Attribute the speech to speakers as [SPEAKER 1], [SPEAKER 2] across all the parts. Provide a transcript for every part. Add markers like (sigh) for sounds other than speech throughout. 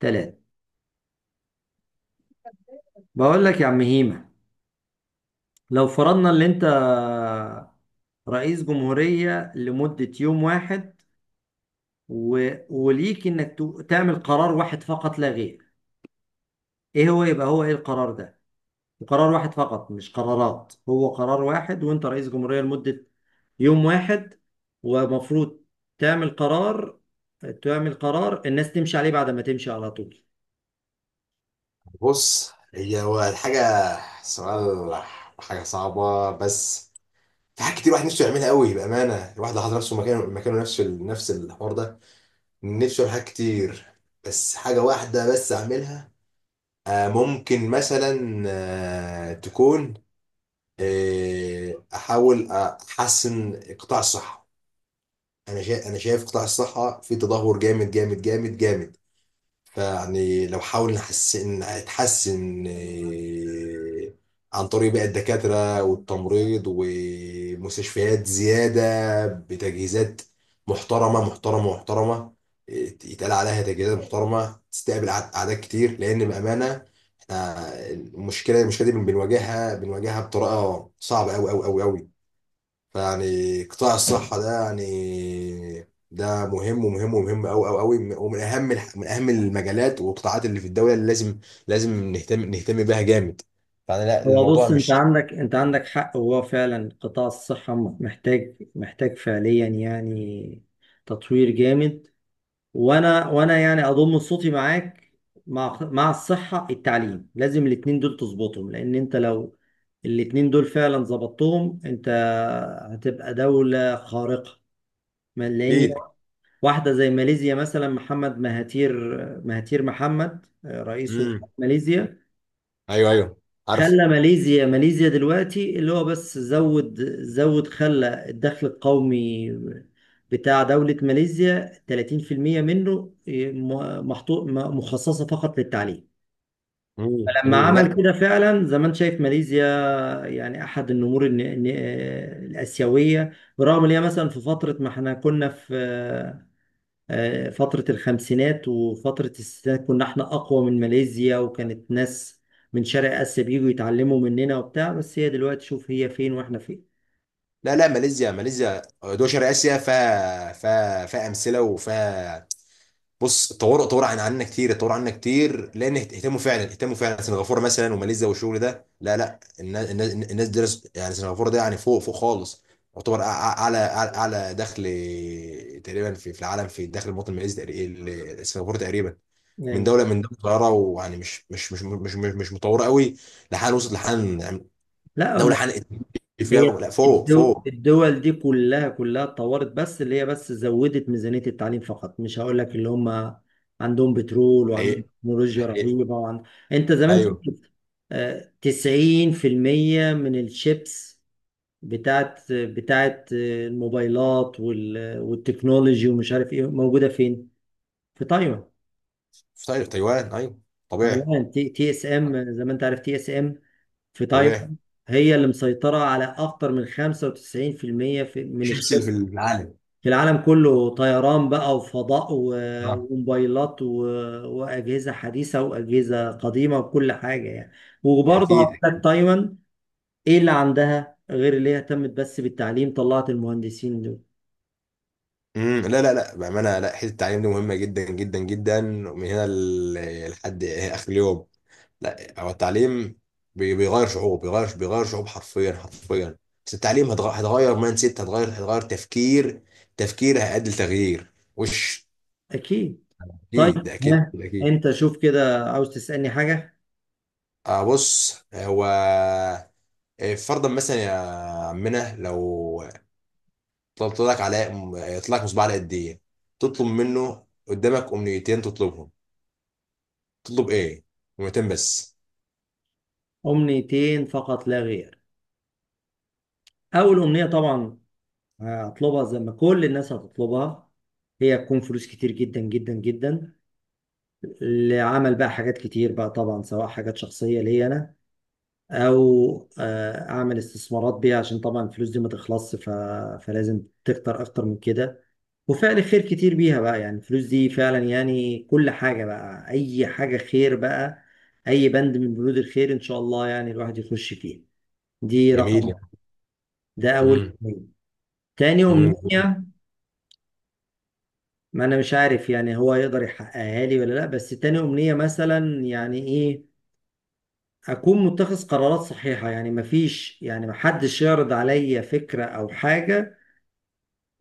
[SPEAKER 1] تلاتة. بقول لك يا عم هيما، لو فرضنا ان انت رئيس جمهورية لمدة يوم واحد، و... وليك انك تعمل قرار واحد فقط لا غير، ايه هو؟ يبقى هو ايه القرار ده؟ قرار واحد فقط، مش قرارات، هو قرار واحد وانت رئيس جمهورية لمدة يوم واحد، ومفروض تعمل قرار تعمل قرار الناس تمشي عليه بعد ما تمشي على طول.
[SPEAKER 2] بص، هو الحاجة. سؤال. حاجة صعبة. بس في حاجات كتير الواحد نفسه يعملها قوي. بأمانة، الواحد لو حط نفسه مكانه، نفسه نفس الحوار ده، نفسه يعمل حاجات كتير، بس حاجة واحدة بس أعملها. ممكن مثلا تكون، أحاول أحسن قطاع الصحة. أنا شايف قطاع الصحة في تدهور جامد جامد جامد جامد. فيعني لو حاول نحسن، نتحسن عن طريق بقى الدكاترة والتمريض ومستشفيات زيادة، بتجهيزات محترمة محترمة محترمة، يتقال عليها تجهيزات محترمة تستقبل أعداد كتير، لأن بأمانة احنا، المشكلة دي بنواجهها بطريقة صعبة أوي أوي أوي أوي. فيعني قطاع الصحة ده يعني، ده مهم ومهم ومهم أوي أوي أوي، ومن أهم من أهم المجالات والقطاعات اللي في الدولة، اللي لازم، نهتم، بيها جامد. يعني، لا
[SPEAKER 1] هو
[SPEAKER 2] الموضوع
[SPEAKER 1] بص، انت
[SPEAKER 2] مش...
[SPEAKER 1] عندك حق، هو فعلا قطاع الصحة محتاج فعليا يعني تطوير جامد. وانا يعني اضم صوتي معاك. مع الصحة، التعليم، لازم الاتنين دول تظبطهم، لان انت لو الاتنين دول فعلا ظبطتهم انت هتبقى دولة خارقة. لان
[SPEAKER 2] أكيد.
[SPEAKER 1] واحدة زي ماليزيا مثلا، محمد مهاتير، مهاتير محمد، رئيس
[SPEAKER 2] امم.
[SPEAKER 1] وزراء ماليزيا،
[SPEAKER 2] أيوه أيوه. عارف.
[SPEAKER 1] خلى ماليزيا دلوقتي، اللي هو بس زود خلى الدخل القومي بتاع دولة ماليزيا 30% منه مخصصة فقط للتعليم.
[SPEAKER 2] امم،
[SPEAKER 1] فلما
[SPEAKER 2] امم، لا.
[SPEAKER 1] عمل كده، فعلا زي ما انت شايف، ماليزيا يعني احد النمور الآسيوية، برغم ان هي مثلا، في فترة ما احنا كنا في فترة الخمسينات وفترة الستينات كنا احنا أقوى من ماليزيا، وكانت ناس من شرق آسيا بييجوا يتعلموا مننا وبتاع. بس هي دلوقتي، شوف هي فين واحنا فين.
[SPEAKER 2] لا لا، ماليزيا، ماليزيا دول شرق آسيا فيها، فيها أمثلة، وفيها... بص، طوروا عن، عنا كتير، طوروا عنا كتير، لان اهتموا فعلا، اهتموا فعلا. سنغافوره مثلا، وماليزيا، والشغل ده. لا لا، الناس درس. يعني سنغافوره ده، يعني فوق، فوق خالص. يعتبر اعلى اعلى أعلى دخل تقريبا في، في العالم. في الدخل، المواطن الماليزي سنغافوره تقريبا من
[SPEAKER 1] يعني
[SPEAKER 2] دوله، من دوله صغيره، ويعني مش متطوره قوي، لحال، وصلت لحال يعني.
[SPEAKER 1] لا.
[SPEAKER 2] دوله حنقت فيها،
[SPEAKER 1] هي
[SPEAKER 2] لا فوق،
[SPEAKER 1] الدول,
[SPEAKER 2] فوق.
[SPEAKER 1] الدول دي كلها اتطورت، بس اللي هي بس زودت ميزانية التعليم فقط. مش هقول لك اللي هم عندهم بترول وعندهم
[SPEAKER 2] حقيقي.
[SPEAKER 1] تكنولوجيا
[SPEAKER 2] حقيقي.
[SPEAKER 1] رهيبة انت زمان شفت،
[SPEAKER 2] ايوه.
[SPEAKER 1] 90% من الشيبس بتاعت الموبايلات والتكنولوجي، ومش عارف ايه، موجوده فين؟ في تايوان.
[SPEAKER 2] طيب تايوان، ايوه. طبيعي.
[SPEAKER 1] تايوان تي اس ام، زي ما انت عارف، تي اس ام في
[SPEAKER 2] طبيعي.
[SPEAKER 1] تايوان هي اللي مسيطره على اكتر من 95% المية من
[SPEAKER 2] شيبسي اللي
[SPEAKER 1] الشغل
[SPEAKER 2] في العالم.
[SPEAKER 1] في العالم كله. طيران بقى وفضاء
[SPEAKER 2] آه.
[SPEAKER 1] وموبايلات واجهزه حديثه واجهزه قديمه وكل حاجه يعني. وبرضه هقول
[SPEAKER 2] اكيد.
[SPEAKER 1] لك تايوان، ايه اللي عندها غير اللي هي اهتمت بس بالتعليم؟ طلعت المهندسين دول.
[SPEAKER 2] امم، لا لا لا، بامانه، لا حته التعليم دي مهمه جدا جدا جدا، من هنا لحد اخر اليوم. لا هو التعليم بيغير شعوب، بيغير شعوب حرفيا حرفيا. بس التعليم هتغير مايند سيت، هتغير تفكير، تفكير هيؤدي لتغيير وش.
[SPEAKER 1] اكيد. طيب،
[SPEAKER 2] اكيد، ده اكيد،
[SPEAKER 1] ها،
[SPEAKER 2] ده اكيد.
[SPEAKER 1] انت شوف كده، عاوز تسألني حاجة؟
[SPEAKER 2] بص هو، فرضا مثلا يا عمنا، لو طلبت لك على... طلع لك مصباح علاء الدين، تطلب منه قدامك امنيتين، تطلبهم، تطلب ايه؟ جملتين بس.
[SPEAKER 1] أمنيتين فقط لا غير. أول أمنية طبعا هطلبها زي ما كل الناس هتطلبها، هي تكون فلوس كتير جدا جدا جدا، لعمل بقى حاجات كتير، بقى طبعا سواء حاجات شخصية ليا أنا، أو أعمل استثمارات بيها، عشان طبعا الفلوس دي ما تخلصش، فلازم تكتر أكتر من كده، وفعل خير كتير بيها بقى. يعني الفلوس دي فعلا يعني كل حاجة بقى، أي حاجة خير بقى، أي بند من بنود الخير إن شاء الله يعني الواحد يخش فيه. دي رقم...
[SPEAKER 2] جميل.
[SPEAKER 1] ده أول
[SPEAKER 2] امم.
[SPEAKER 1] أمنية. تاني
[SPEAKER 2] امم.
[SPEAKER 1] أمنية، ما أنا مش عارف يعني هو يقدر يحققها لي ولا لأ، بس تاني أمنية مثلا يعني، إيه، أكون متخذ قرارات صحيحة. يعني مفيش، يعني محدش يعرض عليا فكرة أو حاجة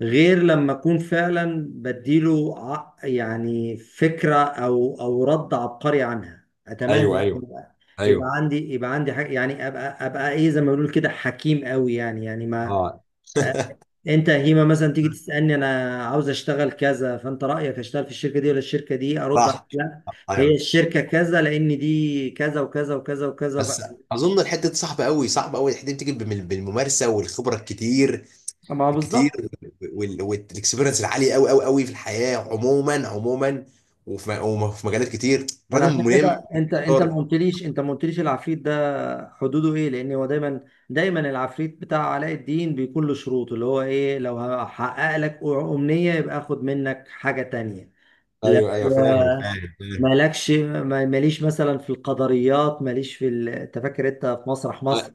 [SPEAKER 1] غير لما اكون فعلا بديله يعني فكره او رد عبقري عنها. اتمنى
[SPEAKER 2] ايوه
[SPEAKER 1] يعني
[SPEAKER 2] ايوه
[SPEAKER 1] يبقى يبقى
[SPEAKER 2] ايوه
[SPEAKER 1] عندي يبقى عندي حاجة، يعني ابقى ايه زي ما بيقولوا كده، حكيم قوي يعني. يعني ما
[SPEAKER 2] اه.
[SPEAKER 1] آه، انت يا هيما مثلا تيجي
[SPEAKER 2] (laughs)
[SPEAKER 1] تسالني، انا عاوز اشتغل كذا، فانت رايك اشتغل في الشركه دي ولا الشركه دي؟ ارد عليك،
[SPEAKER 2] صح.
[SPEAKER 1] لا هي
[SPEAKER 2] ايوه.
[SPEAKER 1] الشركه كذا، لان دي كذا وكذا وكذا وكذا
[SPEAKER 2] بس
[SPEAKER 1] وكذا.
[SPEAKER 2] اظن الحته دي صعبه قوي، صعبه قوي الحته دي، بتيجي بالممارسه والخبره الكتير،
[SPEAKER 1] ما هو
[SPEAKER 2] الكتير،
[SPEAKER 1] بالظبط.
[SPEAKER 2] والاكسبيرنس العاليه قوي قوي قوي في الحياه عموما عموما، وفي مجالات كتير،
[SPEAKER 1] انا
[SPEAKER 2] راجل
[SPEAKER 1] عشان
[SPEAKER 2] ملم.
[SPEAKER 1] كده، انت انت ما
[SPEAKER 2] دور.
[SPEAKER 1] قلتليش انت ما قلتليش العفريت ده حدوده ايه، لان هو دايما العفريت بتاع علاء الدين بيكون له شروط، اللي هو ايه؟ لو هحقق لك امنية يبقى اخد منك حاجة تانية. لو
[SPEAKER 2] ايوه ايوه، فاهم.
[SPEAKER 1] مالكش ما- ماليش مثلا في القدريات، ماليش انت فاكر انت في مسرح
[SPEAKER 2] أ-
[SPEAKER 1] مصر؟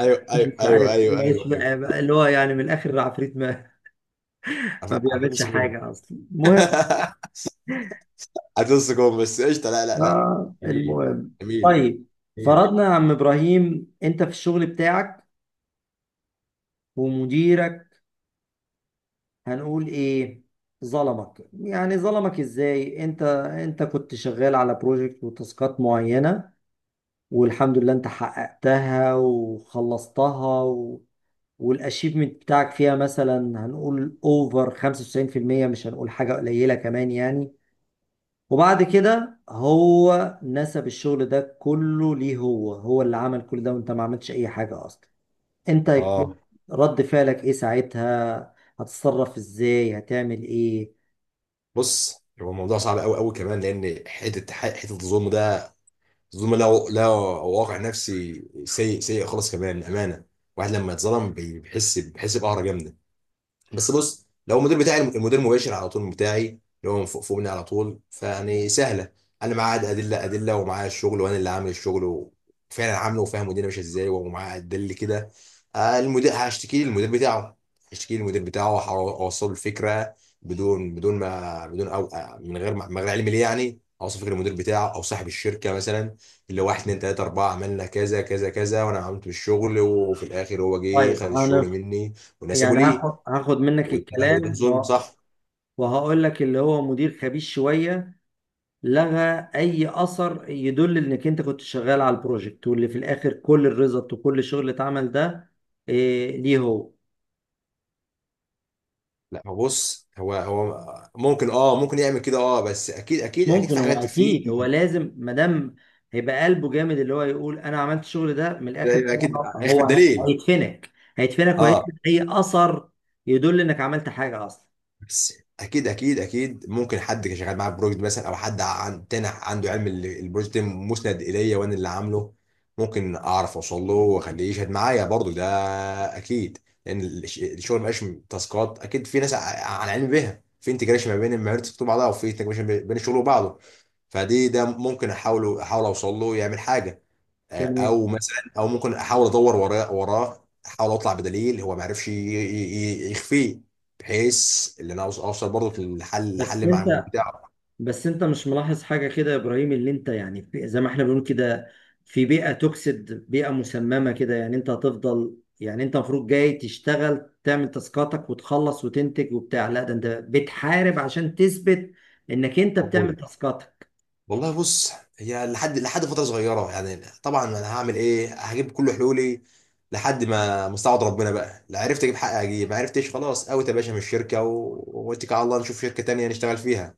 [SPEAKER 2] ايوه
[SPEAKER 1] مش
[SPEAKER 2] ايوه ايوه
[SPEAKER 1] عارف إيه،
[SPEAKER 2] ايوه ايوه ايوه.
[SPEAKER 1] اللي هو يعني، من الاخر، العفريت ما
[SPEAKER 2] عارفين
[SPEAKER 1] بيعملش
[SPEAKER 2] نسيبهم.
[SPEAKER 1] حاجة اصلا. المهم
[SPEAKER 2] (laughs) هتنسى جون. بس قشطه. لا لا لا.
[SPEAKER 1] آه
[SPEAKER 2] جميل.
[SPEAKER 1] المهم
[SPEAKER 2] جميل.
[SPEAKER 1] طيب
[SPEAKER 2] جميل.
[SPEAKER 1] فرضنا يا عم ابراهيم، انت في الشغل بتاعك، ومديرك، هنقول ايه، ظلمك. يعني ظلمك ازاي؟ انت انت كنت شغال على بروجكت وتاسكات معينة، والحمد لله انت حققتها وخلصتها و... والاشيفمنت بتاعك فيها مثلا هنقول اوفر 95%، مش هنقول حاجة قليلة كمان يعني. وبعد كده هو نسب الشغل ده كله ليه، هو هو اللي عمل كل ده، وانت ما عملتش اي حاجة اصلا. انت يكون
[SPEAKER 2] اه
[SPEAKER 1] رد فعلك ايه ساعتها؟ هتتصرف ازاي؟ هتعمل ايه؟
[SPEAKER 2] بص، هو الموضوع صعب قوي قوي كمان، لان حته الظلم ده، الظلم له، واقع نفسي سيء سيء خالص كمان، امانه. واحد لما يتظلم بيحس، بقهره جامده. بس بص، لو المدير بتاعي، المدير المباشر على طول بتاعي، اللي هو من فوق، مني على طول، فيعني سهله. انا معاه ادله، ومعاه الشغل، وانا اللي عامل الشغل، وفعلا عامله، وفاهم الدنيا ماشيه ازاي، ومعاه ادله كده. المدير، هشتكي للمدير بتاعه، واوصل الفكره. بدون ما، بدون او آه، من غير من غير علم ليه، يعني اوصل فكره المدير بتاعه، او صاحب الشركه مثلا، اللي واحد اتنين تلاته اربعه، عملنا كذا كذا كذا، وانا عملت بالشغل، وفي الاخر هو جه
[SPEAKER 1] طيب
[SPEAKER 2] خد الشغل مني والناس سابوا
[SPEAKER 1] يعني
[SPEAKER 2] ليه.
[SPEAKER 1] هاخد منك
[SPEAKER 2] وده، وده
[SPEAKER 1] الكلام
[SPEAKER 2] ظلم، صح.
[SPEAKER 1] وهقول لك اللي هو مدير خبيث شوية، لغى أي أثر يدل إنك أنت كنت شغال على البروجكت، واللي في الآخر كل الريزلت وكل الشغل اللي اتعمل ده إيه، ليه هو.
[SPEAKER 2] لا هو بص، هو ممكن، اه ممكن يعمل كده اه، بس اكيد
[SPEAKER 1] مش
[SPEAKER 2] اكيد اكيد،
[SPEAKER 1] ممكن،
[SPEAKER 2] في
[SPEAKER 1] هو
[SPEAKER 2] حاجات في...
[SPEAKER 1] اكيد هو لازم، ما دام هيبقى قلبه جامد اللي هو يقول انا عملت الشغل ده، من الاخر كده
[SPEAKER 2] اكيد هيخفي
[SPEAKER 1] هو
[SPEAKER 2] الدليل.
[SPEAKER 1] هيدفنك. هيدفنك وهيدفن
[SPEAKER 2] اه،
[SPEAKER 1] اي اثر يدل انك عملت حاجه اصلا.
[SPEAKER 2] بس اكيد اكيد، ممكن حد كان شغال معاه في بروجكت مثلا، او حد عن تاني عنده علم البروجكت مسند اليا وانا اللي عامله، ممكن اعرف اوصل له، واخليه يشهد معايا برضو. ده اكيد. لان الشغل مبقاش تاسكات، اكيد في ناس على علم بيها، في انتجريشن ما بين المهارات اللي بتكتب بعضها، وفي انتجريشن بين الشغل وبعضه. فدي، ده ممكن احاول، اوصل له يعمل حاجه.
[SPEAKER 1] تمام.
[SPEAKER 2] او مثلا، او ممكن احاول ادور وراه، احاول اطلع بدليل هو ما عرفش يخفيه، بحيث ان انا اوصل برضه للحل،
[SPEAKER 1] بس
[SPEAKER 2] الحل مع المدير
[SPEAKER 1] انت
[SPEAKER 2] بتاعه.
[SPEAKER 1] بس انت مش ملاحظ حاجه كده يا ابراهيم، اللي انت يعني زي ما احنا بنقول كده، في بيئه توكسيد، بيئه مسممه كده يعني. انت هتفضل، يعني انت المفروض جاي تشتغل، تعمل تاسكاتك وتخلص وتنتج وبتاع، لا ده انت بتحارب عشان تثبت انك انت بتعمل تاسكاتك.
[SPEAKER 2] والله بص، هي لحد، فتره صغيره يعني، طبعا انا هعمل ايه، هجيب كل حلولي لحد ما مستعد ربنا بقى، لا عرفت اجيب حق اجيب، ما عرفتش خلاص اوت يا باشا من الشركه واتكل على الله، نشوف شركه تانية نشتغل فيها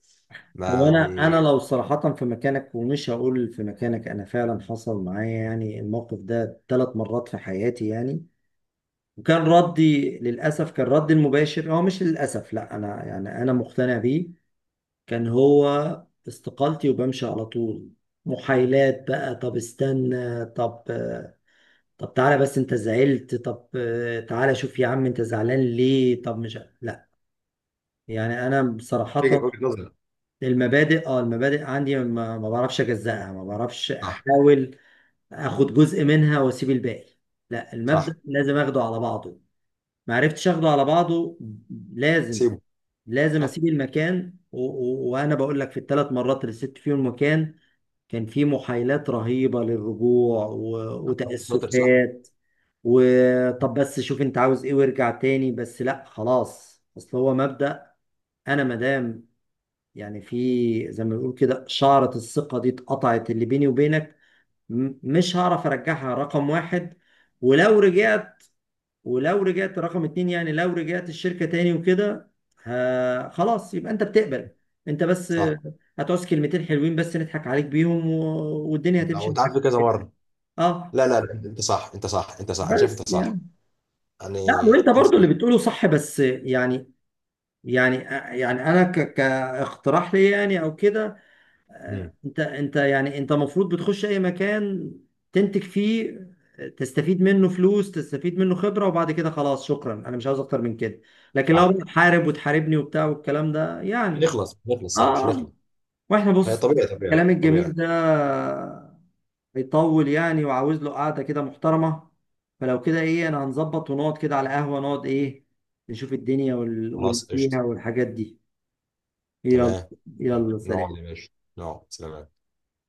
[SPEAKER 2] ما
[SPEAKER 1] هو انا
[SPEAKER 2] يعني.
[SPEAKER 1] لو صراحة في مكانك، ومش هقول في مكانك، انا فعلا حصل معايا يعني الموقف ده ثلاث مرات في حياتي يعني. وكان ردي، للاسف كان ردي المباشر، هو مش للاسف، لا انا يعني انا مقتنع بيه، كان هو استقالتي، وبمشي على طول. محايلات بقى، طب استنى، طب، طب تعالى بس انت زعلت، طب تعالى شوف يا عم انت زعلان ليه، طب مش. لا يعني انا صراحة
[SPEAKER 2] وجهه، وجهة نظري.
[SPEAKER 1] المبادئ، اه المبادئ عندي ما بعرفش اجزأها، ما بعرفش
[SPEAKER 2] صح.
[SPEAKER 1] احاول اخد جزء منها واسيب الباقي، لا المبدأ
[SPEAKER 2] صح.
[SPEAKER 1] لازم اخده على بعضه. ما عرفتش اخده على بعضه، لازم،
[SPEAKER 2] سيبه.
[SPEAKER 1] لازم
[SPEAKER 2] صح.
[SPEAKER 1] اسيب المكان. وانا بقول لك، في الثلاث مرات اللي سبت فيهم المكان كان في محايلات رهيبة للرجوع
[SPEAKER 2] انت شاطر، صح.
[SPEAKER 1] وتأسفات، وطب بس شوف انت عاوز ايه وارجع تاني، بس لا خلاص، اصل هو مبدأ. انا مادام يعني في، زي ما بنقول كده، شعرة الثقة دي اتقطعت اللي بيني وبينك، مش هعرف ارجعها رقم واحد. ولو رجعت ولو رجعت رقم اتنين، يعني لو رجعت الشركة تاني وكده، خلاص يبقى انت بتقبل، انت بس
[SPEAKER 2] صح.
[SPEAKER 1] هتعوز كلمتين حلوين بس نضحك عليك بيهم، و... والدنيا
[SPEAKER 2] او
[SPEAKER 1] هتمشي
[SPEAKER 2] انت عارف،
[SPEAKER 1] معاك.
[SPEAKER 2] كذا مره.
[SPEAKER 1] اه
[SPEAKER 2] لا لا لا، انت صح، انت صح، انت صح، انا شايف
[SPEAKER 1] بس
[SPEAKER 2] انت صح.
[SPEAKER 1] يعني، لا
[SPEAKER 2] يعني،
[SPEAKER 1] وانت
[SPEAKER 2] انت
[SPEAKER 1] برضو اللي
[SPEAKER 2] صح.
[SPEAKER 1] بتقوله صح، بس يعني، يعني يعني انا كاقتراح لي يعني او كده،
[SPEAKER 2] امم.
[SPEAKER 1] انت المفروض بتخش اي مكان تنتج فيه، تستفيد منه فلوس، تستفيد منه خبرة، وبعد كده خلاص شكرا، انا مش عاوز اكتر من كده. لكن لو
[SPEAKER 2] صح،
[SPEAKER 1] بتحارب وتحاربني وبتاع والكلام ده
[SPEAKER 2] مش
[SPEAKER 1] يعني.
[SPEAKER 2] هنخلص، مش هنخلص، صح مش
[SPEAKER 1] اه.
[SPEAKER 2] هنخلص.
[SPEAKER 1] واحنا
[SPEAKER 2] فهي
[SPEAKER 1] بص،
[SPEAKER 2] طبيعي، طبيعي
[SPEAKER 1] الكلام الجميل
[SPEAKER 2] طبيعي.
[SPEAKER 1] ده هيطول يعني، وعاوز له قعدة كده محترمة. فلو كده، ايه، انا هنظبط ونقعد كده على قهوة، نقعد ايه، نشوف الدنيا
[SPEAKER 2] خلاص قشطه.
[SPEAKER 1] والفيها والحاجات دي. يلا.
[SPEAKER 2] تمام.
[SPEAKER 1] يلا
[SPEAKER 2] نقعد
[SPEAKER 1] سلام.
[SPEAKER 2] يا باشا. نقعد. سلام.